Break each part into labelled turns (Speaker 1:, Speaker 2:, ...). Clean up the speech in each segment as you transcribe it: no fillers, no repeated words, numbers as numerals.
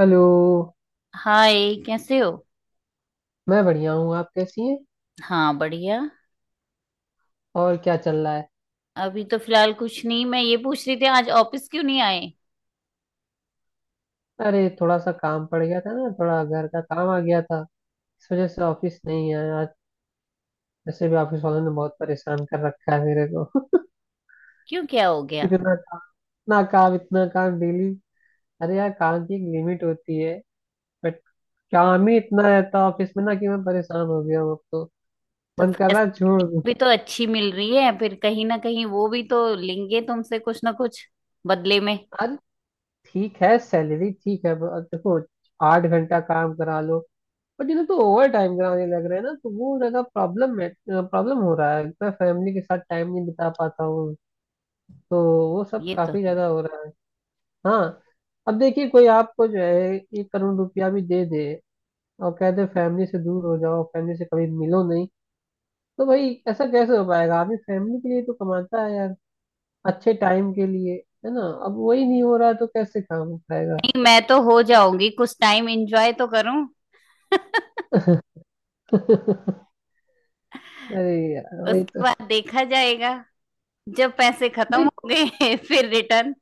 Speaker 1: Hello.
Speaker 2: Hi. कैसे हो?
Speaker 1: मैं बढ़िया हूँ। आप कैसी हैं?
Speaker 2: हाँ, बढ़िया।
Speaker 1: और क्या चल रहा है?
Speaker 2: अभी तो फिलहाल कुछ नहीं। मैं ये पूछ रही थी आज ऑफिस क्यों नहीं आए।
Speaker 1: अरे थोड़ा सा काम पड़ गया था ना, थोड़ा घर का काम आ गया था। इस वजह से ऑफिस नहीं आया आज। वैसे भी ऑफिस वालों ने बहुत परेशान कर रखा है मेरे को।
Speaker 2: क्यों? क्या हो गया?
Speaker 1: इतना काम। इतना काम, इतना काम डेली। अरे यार, काम की एक लिमिट होती है। बट काम ही इतना रहता है ऑफिस में ना, कि मैं परेशान हो गया हूँ अब तो।
Speaker 2: तो
Speaker 1: मन कर रहा है छोड़
Speaker 2: फैसिलिटी
Speaker 1: दूँ।
Speaker 2: भी तो अच्छी मिल रही है, फिर कहीं ना कहीं वो भी तो लेंगे तुमसे कुछ ना कुछ बदले में।
Speaker 1: अरे, ठीक है, सैलरी ठीक है, देखो। 8 घंटा काम करा लो। बट इन्हें तो ओवर टाइम कराने लग रहे हैं ना, तो वो ज्यादा प्रॉब्लम है। प्रॉब्लम हो रहा है, मैं फैमिली के साथ टाइम नहीं बिता पाता हूँ। तो वो सब
Speaker 2: ये तो
Speaker 1: काफी
Speaker 2: है।
Speaker 1: ज्यादा हो रहा है। हाँ, अब देखिए, कोई आपको जो है 1 करोड़ रुपया भी दे दे और कह दे फैमिली से दूर हो जाओ, फैमिली से कभी मिलो नहीं, तो भाई ऐसा कैसे हो पाएगा? आदमी फैमिली के लिए तो कमाता है यार, अच्छे टाइम के लिए, है ना? अब वही नहीं हो रहा है तो कैसे काम हो पाएगा?
Speaker 2: नहीं, मैं तो हो जाऊंगी, कुछ टाइम एंजॉय तो करूं।
Speaker 1: अरे यार, वही तो।
Speaker 2: उसके बाद देखा जाएगा। जब पैसे खत्म
Speaker 1: नहीं,
Speaker 2: हो गए फिर रिटर्न।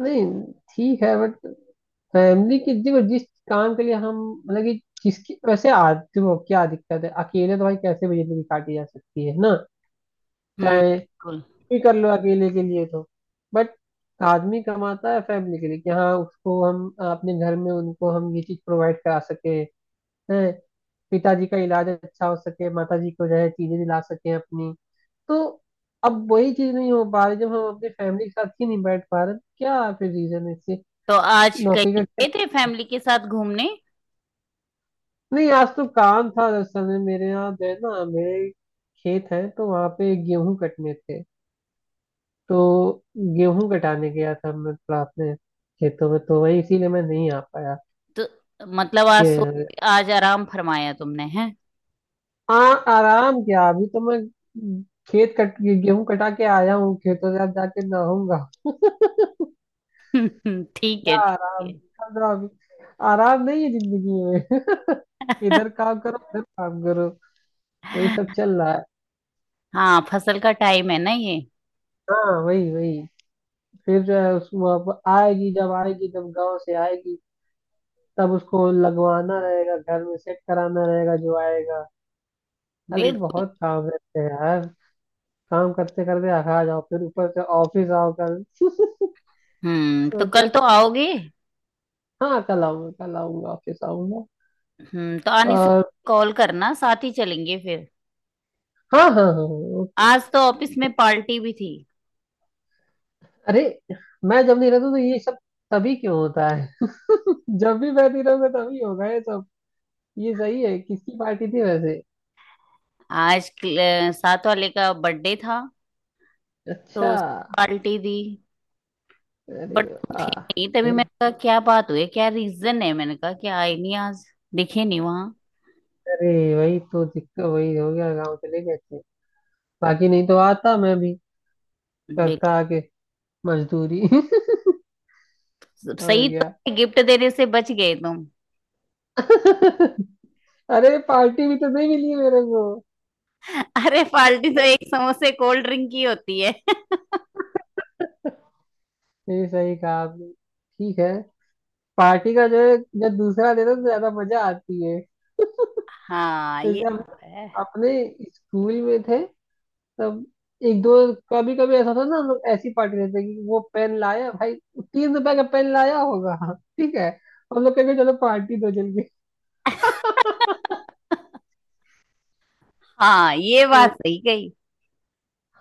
Speaker 1: नहीं, ठीक है, बट फैमिली के देखो जिस काम के लिए हम, मतलब कि जिसकी, वैसे आज देखो क्या दिक्कत है? अकेले तो भाई कैसे भी जिंदगी काटी जा सकती है ना,
Speaker 2: हम्म,
Speaker 1: चाहे कुछ
Speaker 2: बिल्कुल।
Speaker 1: भी कर लो अकेले के लिए तो। बट आदमी कमाता है फैमिली के लिए कि हाँ, उसको हम अपने घर में, उनको हम ये चीज प्रोवाइड करा सके हैं। पिताजी का इलाज अच्छा हो सके, माताजी को जो है चीजें दिला सके अपनी, तो अब वही चीज नहीं हो पा रही। जब हम अपनी फैमिली के साथ ही नहीं बैठ पा रहे तो क्या फिर रीजन है इसके?
Speaker 2: तो आज
Speaker 1: नौकरी
Speaker 2: कहीं
Speaker 1: का क्या?
Speaker 2: गए थे फैमिली के साथ घूमने?
Speaker 1: नहीं, आज तो काम था। दरअसल में मेरे यहाँ जो है ना, मेरे खेत है, तो वहाँ पे गेहूं कटने थे, तो गेहूं कटाने गया था मैं थोड़ा अपने खेतों में। तो वही इसीलिए मैं नहीं आ पाया।
Speaker 2: तो मतलब
Speaker 1: ये
Speaker 2: आज आराम फरमाया तुमने, है?
Speaker 1: आराम क्या, अभी तो मैं खेत कट गेहूं कटा के आया हूँ खेतों से। अब जाके नहाऊंगा।
Speaker 2: ठीक है,
Speaker 1: क्या
Speaker 2: ठीक
Speaker 1: आराम कर रहा हूँ अभी। आराम नहीं है जिंदगी में।
Speaker 2: है।
Speaker 1: इधर काम करो, उधर काम करो, यही सब चल रहा है।
Speaker 2: हाँ, फसल का टाइम है ना ये।
Speaker 1: हाँ, वही वही। फिर जो है उस वो आएगी, जब आएगी, जब गांव से आएगी तब उसको लगवाना रहेगा घर में, सेट कराना रहेगा जो आएगा। अरे
Speaker 2: बिल्कुल।
Speaker 1: बहुत काम रहते हैं यार। काम करते करते थका जाओ, फिर ऊपर से ऑफिस आओ कल।
Speaker 2: हम्म, तो
Speaker 1: सोचा,
Speaker 2: कल तो आओगे?
Speaker 1: हाँ कल आऊंगा, कल आऊंगा, ऑफिस आऊंगा।
Speaker 2: हम्म, तो आने से
Speaker 1: और
Speaker 2: कॉल करना, साथ ही चलेंगे फिर।
Speaker 1: हाँ हाँ हाँ हाँ, ओके।
Speaker 2: आज तो ऑफिस में पार्टी भी थी।
Speaker 1: अरे, मैं जब नहीं रहता तो ये सब तभी क्यों होता है? जब भी मैं नहीं रहूंगा तभी होगा ये सब। ये सही है, किसकी पार्टी थी वैसे?
Speaker 2: आज क्ल- साथ वाले का बर्थडे था। तो
Speaker 1: अच्छा।
Speaker 2: उस पार्टी दी।
Speaker 1: अरे
Speaker 2: बट
Speaker 1: वाह।
Speaker 2: नहीं, तभी मैंने कहा क्या बात हुई, क्या रीजन है, मैंने कहा कि आए नहीं आज, दिखे नहीं वहां।
Speaker 1: अरे वही तो दिक्कत, वही हो गया, गाँव चले गए थे। बाकी नहीं तो आता मैं भी,
Speaker 2: बिल-
Speaker 1: करता आके मजदूरी। और
Speaker 2: सही,
Speaker 1: क्या।
Speaker 2: तो गिफ्ट देने से बच गए तुम।
Speaker 1: अरे पार्टी भी तो नहीं मिली मेरे को।
Speaker 2: अरे, पार्टी तो एक समोसे कोल्ड ड्रिंक की होती है।
Speaker 1: नहीं, सही कहा आपने। ठीक है। पार्टी का जो है, जब दूसरा देता तो ज्यादा मजा आती है।
Speaker 2: हाँ, ये
Speaker 1: जैसे हम
Speaker 2: तो है।
Speaker 1: अपने स्कूल में थे तब, एक दो कभी कभी ऐसा था ना, हम लोग ऐसी पार्टी देते कि वो पेन लाया भाई, 3 रुपए का पेन लाया होगा। ठीक है, हम लोग कहेंगे चलो पार्टी दो जल्दी।
Speaker 2: हाँ, ये
Speaker 1: तो
Speaker 2: बात सही कही।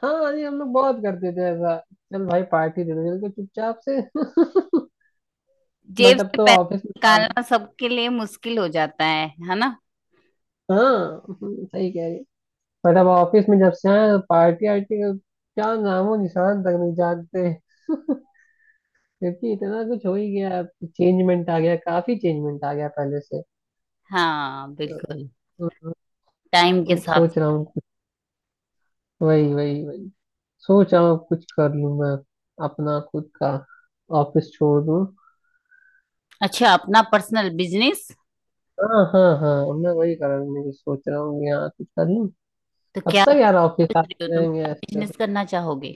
Speaker 1: हाँ, अरे हम लोग बहुत करते थे ऐसा। चल भाई पार्टी दे दो चल के चुपचाप से।
Speaker 2: जेब
Speaker 1: बट अब
Speaker 2: से
Speaker 1: तो
Speaker 2: पैसा
Speaker 1: ऑफिस में काम।
Speaker 2: निकालना सबके लिए मुश्किल हो जाता है ना?
Speaker 1: हाँ सही कह रही। बट अब ऑफिस में जब से आए हैं, पार्टी आर्टी का क्या नामो निशान तक नहीं जानते। क्योंकि इतना कुछ हो ही गया, चेंजमेंट आ गया, काफी चेंजमेंट आ गया पहले से।
Speaker 2: हाँ, बिल्कुल।
Speaker 1: हम्म,
Speaker 2: टाइम के साथ।
Speaker 1: सोच रहा हूँ, वही वही वही। सोच रहा हूँ कुछ कर लूँ मैं, अपना खुद का। ऑफिस छोड़ दूँ।
Speaker 2: अच्छा, अपना पर्सनल बिजनेस?
Speaker 1: हाँ हाँ हाँ, मैं वही कारण नहीं सोच रहा हूँ कि हाँ कुछ कर लूँ।
Speaker 2: तो
Speaker 1: अब
Speaker 2: क्या
Speaker 1: तक यार ऑफिस
Speaker 2: सोच रही हो
Speaker 1: आते
Speaker 2: तुम?
Speaker 1: रहेंगे
Speaker 2: क्या
Speaker 1: ऐसे ऐसे।
Speaker 2: बिजनेस करना चाहोगे?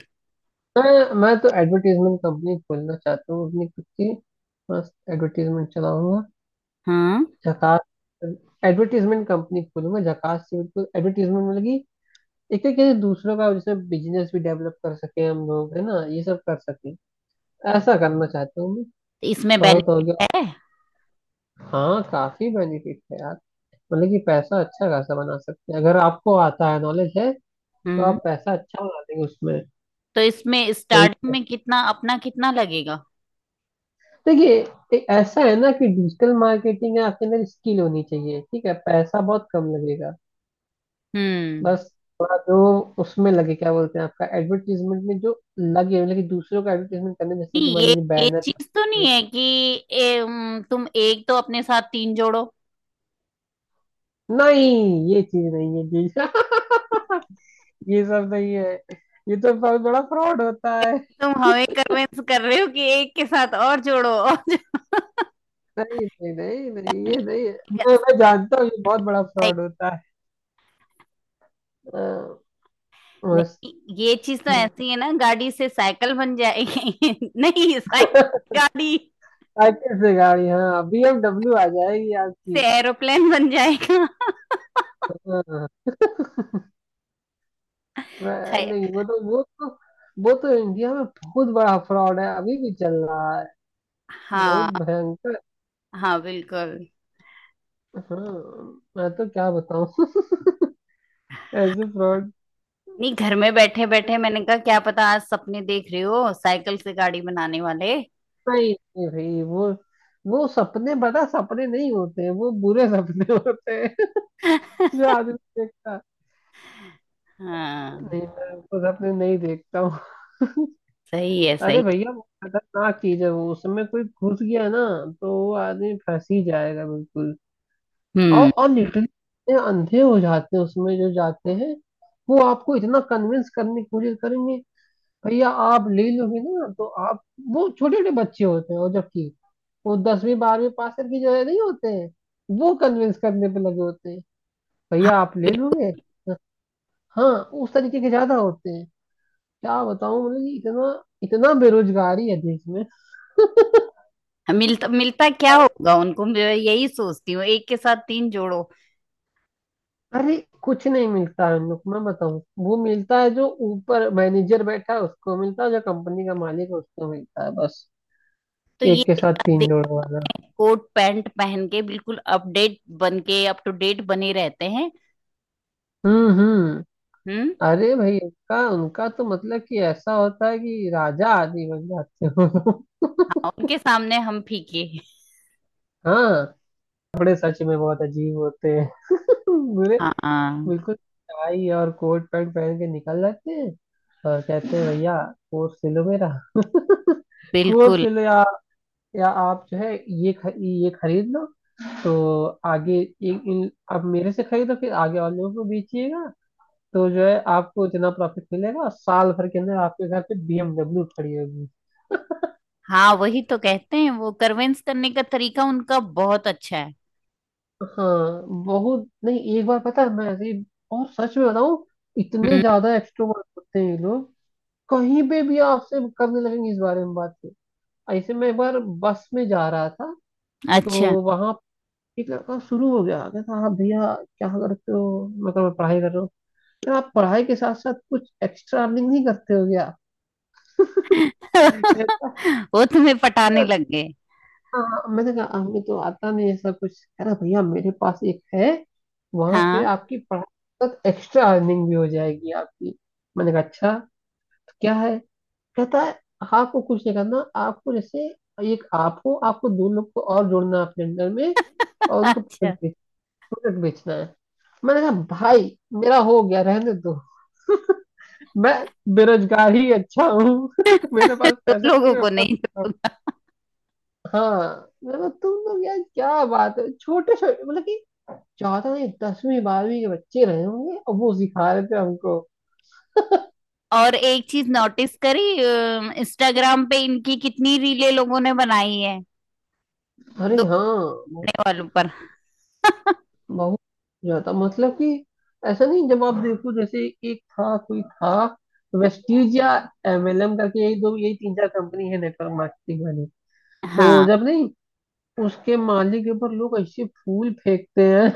Speaker 1: मैं तो एडवर्टीजमेंट कंपनी खोलना चाहता हूँ अपनी खुद की। बस एडवर्टीजमेंट चलाऊंगा,
Speaker 2: हम्म।
Speaker 1: झकास। एडवर्टीजमेंट कंपनी खोलूंगा झकास से, बिल्कुल एडवर्टीजमेंट, मतलब कि एक एक जैसे दूसरों का जैसे बिजनेस भी डेवलप कर सके हम लोग, है ना, ये सब कर सके। ऐसा करना चाहता हूँ मैं।
Speaker 2: तो इसमें
Speaker 1: बहुत हो गया।
Speaker 2: बेनिफिट है?
Speaker 1: हाँ, काफी बेनिफिट है यार। मतलब कि पैसा अच्छा खासा बना सकते हैं अगर आपको आता है, नॉलेज है तो
Speaker 2: हम्म,
Speaker 1: आप पैसा अच्छा बना देंगे उसमें।
Speaker 2: तो इसमें
Speaker 1: वही
Speaker 2: स्टार्टिंग
Speaker 1: है।
Speaker 2: में कितना लगेगा?
Speaker 1: देखिए, ऐसा है ना कि डिजिटल मार्केटिंग में आपके अंदर स्किल होनी चाहिए, ठीक है। पैसा बहुत कम लगेगा।
Speaker 2: हम्म।
Speaker 1: बस थोड़ा जो उसमें लगे, क्या बोलते हैं आपका, एडवर्टीजमेंट में जो लगे, मतलब कि दूसरों का एडवर्टीजमेंट करने, जैसे कि
Speaker 2: नहीं,
Speaker 1: मान
Speaker 2: ये
Speaker 1: लीजिए
Speaker 2: ये
Speaker 1: बैनर।
Speaker 2: चीज तो नहीं है कि तुम एक तो अपने साथ तीन जोड़ो।
Speaker 1: नहीं ये चीज नहीं है जी। ये सब नहीं है। ये तो बहुत बड़ा फ्रॉड होता है।
Speaker 2: तुम हमें कन्विंस कर रहे हो कि एक के साथ और जोड़ो और?
Speaker 1: नहीं नहीं नहीं नहीं, ये नहीं है। मैं जानता हूँ ये बहुत बड़ा
Speaker 2: साइ-
Speaker 1: फ्रॉड होता है। अ, बस।
Speaker 2: नहीं, ये चीज तो ऐसी है ना, गाड़ी से साइकिल बन जाएगी। नहीं, साइकिल गाड़ी
Speaker 1: साइकिल से गाड़ी, हाँ बीएमडब्ल्यू आ जाएगी
Speaker 2: से
Speaker 1: आपकी।
Speaker 2: एरोप्लेन बन जाएगा।
Speaker 1: हाँ,
Speaker 2: खैर।
Speaker 1: नहीं, वो तो इंडिया में बहुत बड़ा फ्रॉड है, अभी भी चल रहा है, बहुत
Speaker 2: हाँ।
Speaker 1: भयंकर।
Speaker 2: हाँ, बिल्कुल।
Speaker 1: हाँ, मैं तो क्या बताऊँ। ऐसे फ्रॉड।
Speaker 2: नहीं, घर में बैठे बैठे मैंने कहा क्या पता, आज सपने देख रहे हो साइकिल से गाड़ी बनाने वाले।
Speaker 1: नहीं नहीं भाई वो सपने बता, सपने नहीं होते हैं वो, बुरे सपने होते हैं जो आदमी देखता।
Speaker 2: हाँ,
Speaker 1: नहीं, मैं वो सपने नहीं देखता हूँ।
Speaker 2: सही है,
Speaker 1: अरे
Speaker 2: सही।
Speaker 1: भैया वो खतरनाक चीज है वो, उसमें कोई घुस गया ना तो वो आदमी फंस ही जाएगा बिल्कुल। और
Speaker 2: हम्म।
Speaker 1: और लिटरली इतने अंधे हो जाते हैं उसमें जो जाते हैं। वो आपको इतना कन्विंस करने की कोशिश करेंगे, भैया आप ले लोगे ना तो आप, वो छोटे छोटे बच्चे होते हैं और जबकि वो 10वीं 12वीं पास करके जो है नहीं होते हैं, वो कन्विंस करने पे लगे होते हैं,
Speaker 2: हाँ।
Speaker 1: भैया आप ले लोगे। हाँ, उस तरीके के ज्यादा होते हैं। क्या बताऊं, मतलब कि इतना, इतना बेरोजगारी है देश में।
Speaker 2: मिलता मिलता क्या होगा उनको, मैं यही सोचती हूँ, एक के साथ तीन जोड़ो।
Speaker 1: अरे कुछ नहीं मिलता है उन लोग, मैं बताऊं, वो मिलता है जो ऊपर मैनेजर बैठा है उसको मिलता है, जो कंपनी का मालिक है उसको मिलता है, बस।
Speaker 2: तो ये
Speaker 1: एक के साथ तीन
Speaker 2: देख,
Speaker 1: जोड़ वाला।
Speaker 2: कोट पैंट पहन के बिल्कुल अपडेट बन के, अप टू डेट बने रहते हैं।
Speaker 1: हम्म।
Speaker 2: हम्म।
Speaker 1: अरे भाई उनका उनका तो मतलब कि ऐसा होता है कि राजा आदि बन जाते
Speaker 2: हाँ,
Speaker 1: हो।
Speaker 2: उनके सामने हम फीके।
Speaker 1: हाँ उनके कपड़े सच में बहुत अजीब होते हैं। बुरे, बिल्कुल टाई और कोट पैंट पहन के निकल जाते हैं। और कहते हैं भैया, कोट सिलो मेरा, कोट
Speaker 2: बिल्कुल।
Speaker 1: सिलो। या आप जो है, ये खरीद लो। तो आगे इन इन आप मेरे से खरीदो फिर आगे वालों को बेचिएगा, तो जो है आपको इतना प्रॉफिट मिलेगा, साल भर के अंदर आपके घर पे बीएमडब्ल्यू खड़ी होगी।
Speaker 2: हाँ, वही तो कहते हैं वो, करवेंस करने का तरीका उनका बहुत अच्छा है।
Speaker 1: हाँ बहुत। नहीं एक बार पता है मैं और सच में बताऊं, इतने
Speaker 2: हम्म।
Speaker 1: ज्यादा एक्सट्रोवर्ट होते हैं ये लोग, कहीं पे भी आपसे करने लगेंगे इस बारे में बात। ऐसे मैं एक बार बस में जा रहा था,
Speaker 2: अच्छा।
Speaker 1: तो वहां एक लड़का शुरू हो गया, कहता हाँ भैया, क्या करते हो? मैं कहा, मैं पढ़ाई कर रहा हूँ। आप पढ़ाई के साथ साथ कुछ एक्स्ट्रा अर्निंग नहीं करते हो क्या, कहता
Speaker 2: वो तुम्हें पटाने
Speaker 1: है।
Speaker 2: लग गए।
Speaker 1: हाँ, मैंने कहा हमें तो आता नहीं ऐसा कुछ। कह रहा, भैया मेरे पास एक है, वहां पे
Speaker 2: हाँ।
Speaker 1: आपकी पढ़ाई तक एक्स्ट्रा अर्निंग भी हो जाएगी आपकी। मैंने कहा अच्छा, तो क्या है? कहता है, "हाँ, आपको कुछ नहीं करना, आपको जैसे एक आप हो, आपको दो लोग को और जोड़ना है अपने अंडर में और उनको
Speaker 2: अच्छा।
Speaker 1: प्रोडक्ट बेचना है। मैंने कहा भाई, मेरा हो गया, रहने दो, मैं बेरोजगार ही अच्छा हूँ। मेरे पास
Speaker 2: दो
Speaker 1: पैसा
Speaker 2: लोगों
Speaker 1: नहीं, मैं
Speaker 2: को?
Speaker 1: बहुत।
Speaker 2: नहीं।
Speaker 1: हाँ, मतलब तुम लोग यार क्या बात है, छोटे छोटे मतलब कि ज्यादा नहीं, 10वीं 12वीं के बच्चे रहे होंगे और वो सिखा रहे थे हमको।
Speaker 2: और एक चीज नोटिस करी, इंस्टाग्राम पे इनकी कितनी रीले लोगों ने बनाई है,
Speaker 1: अरे हाँ।
Speaker 2: दौड़ने
Speaker 1: बहुत,
Speaker 2: वालों पर।
Speaker 1: बहुत ज्यादा, मतलब कि ऐसा नहीं। जब आप देखो, जैसे एक था कोई था वेस्टीज या एमएलएम करके, यही दो, यही तीन चार कंपनी है नेटवर्क मार्केटिंग वाली। तो
Speaker 2: हाँ।
Speaker 1: जब नहीं, उसके मालिक के ऊपर लोग ऐसे फूल फेंकते हैं।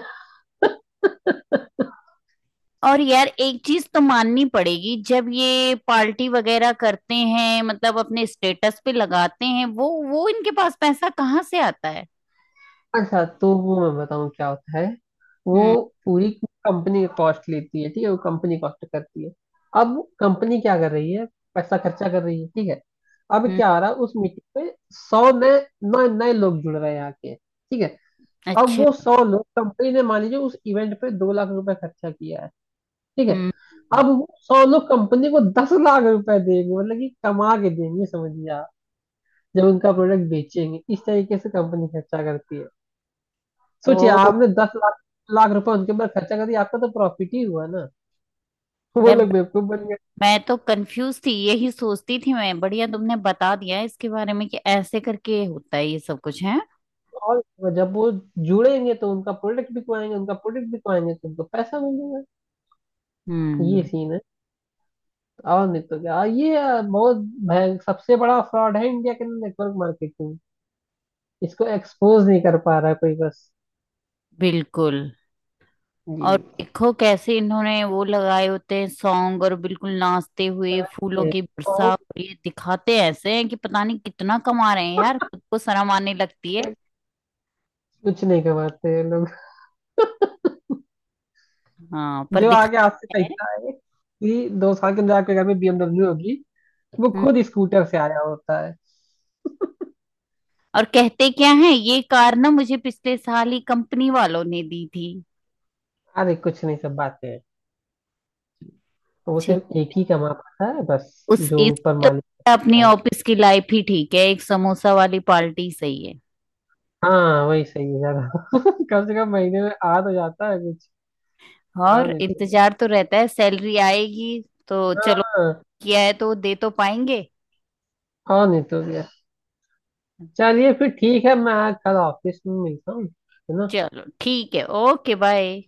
Speaker 2: और यार एक चीज तो माननी पड़ेगी, जब ये पार्टी वगैरह करते हैं, मतलब अपने स्टेटस पे लगाते हैं वो इनके पास पैसा कहाँ से आता है?
Speaker 1: अच्छा तो वो मैं बताऊँ क्या होता है। वो
Speaker 2: हम्म,
Speaker 1: पूरी कंपनी का कॉस्ट लेती है, ठीक है, वो कंपनी कॉस्ट करती है। अब कंपनी क्या कर रही है? पैसा खर्चा कर रही है, ठीक है। अब
Speaker 2: हम्म।
Speaker 1: क्या आ रहा है उस मीटिंग में? 100 नए नए नए लोग जुड़ रहे हैं आके, ठीक है। अब
Speaker 2: अच्छा।
Speaker 1: वो 100 लोग, कंपनी ने मान लीजिए उस इवेंट पे 2 लाख रुपए खर्चा किया है, ठीक है।
Speaker 2: हम्म।
Speaker 1: अब वो सौ लोग कंपनी को 10 लाख रुपए देंगे, मतलब कि कमा के देंगे, समझिए आप, जब उनका प्रोडक्ट बेचेंगे। इस तरीके से कंपनी खर्चा करती है। सोचिए,
Speaker 2: ओ।
Speaker 1: आपने दस लाख लाख रुपए उनके ऊपर खर्चा कर दिया, आपका तो प्रॉफिट ही हुआ ना। वो
Speaker 2: यार,
Speaker 1: लोग बेवकूफ बन गए।
Speaker 2: मैं तो कंफ्यूज थी, यही सोचती थी मैं। बढ़िया, तुमने बता दिया इसके बारे में कि ऐसे करके होता है ये सब कुछ है।
Speaker 1: और जब वो जुड़ेंगे तो उनका प्रोडक्ट बिकवाएंगे, उनका प्रोडक्ट बिकवाएंगे तो उनको पैसा मिलेगा। ये
Speaker 2: हम्म।
Speaker 1: सीन है। और नहीं तो क्या, ये बहुत भय सबसे बड़ा फ्रॉड है इंडिया के अंदर, नेटवर्क मार्केटिंग। इसको एक्सपोज नहीं कर पा रहा कोई, बस।
Speaker 2: बिल्कुल। और
Speaker 1: जी।
Speaker 2: देखो कैसे इन्होंने वो लगाए होते हैं सॉन्ग और बिल्कुल नाचते हुए फूलों
Speaker 1: ये
Speaker 2: की वर्षा,
Speaker 1: बहुत
Speaker 2: और ये दिखाते ऐसे हैं कि पता नहीं कितना कमा रहे हैं, यार खुद को शर्म आने लगती है।
Speaker 1: कुछ नहीं कमाते ये लोग,
Speaker 2: हाँ, पर
Speaker 1: जो आगे हाथ से
Speaker 2: दिखाते हैं।
Speaker 1: पैसा आए, कि 2 साल के अंदर आपके घर में बीएमडब्ल्यू होगी। वो
Speaker 2: हम्म।
Speaker 1: खुद स्कूटर से आया होता है।
Speaker 2: और कहते क्या है, ये कार ना मुझे पिछले साल ही कंपनी वालों ने दी थी।
Speaker 1: अरे कुछ नहीं, सब बातें हैं। वो
Speaker 2: छे।
Speaker 1: सिर्फ एक ही कमा पाता है बस,
Speaker 2: उस
Speaker 1: जो
Speaker 2: इस
Speaker 1: ऊपर
Speaker 2: तो
Speaker 1: मालिक
Speaker 2: अपनी
Speaker 1: होता है।
Speaker 2: ऑफिस की लाइफ ही ठीक है, एक समोसा वाली पार्टी सही है।
Speaker 1: हाँ वही सही है ज्यादा। कम से कम महीने में आ तो जाता है कुछ। हाँ
Speaker 2: और
Speaker 1: नहीं तो क्या।
Speaker 2: इंतजार तो रहता है, सैलरी आएगी। तो चलो,
Speaker 1: हाँ
Speaker 2: किया है तो दे तो पाएंगे।
Speaker 1: हाँ नहीं तो क्या। चलिए फिर ठीक है, मैं कल ऑफिस में मिलता हूँ, है ना?
Speaker 2: चलो, ठीक है, ओके, बाय।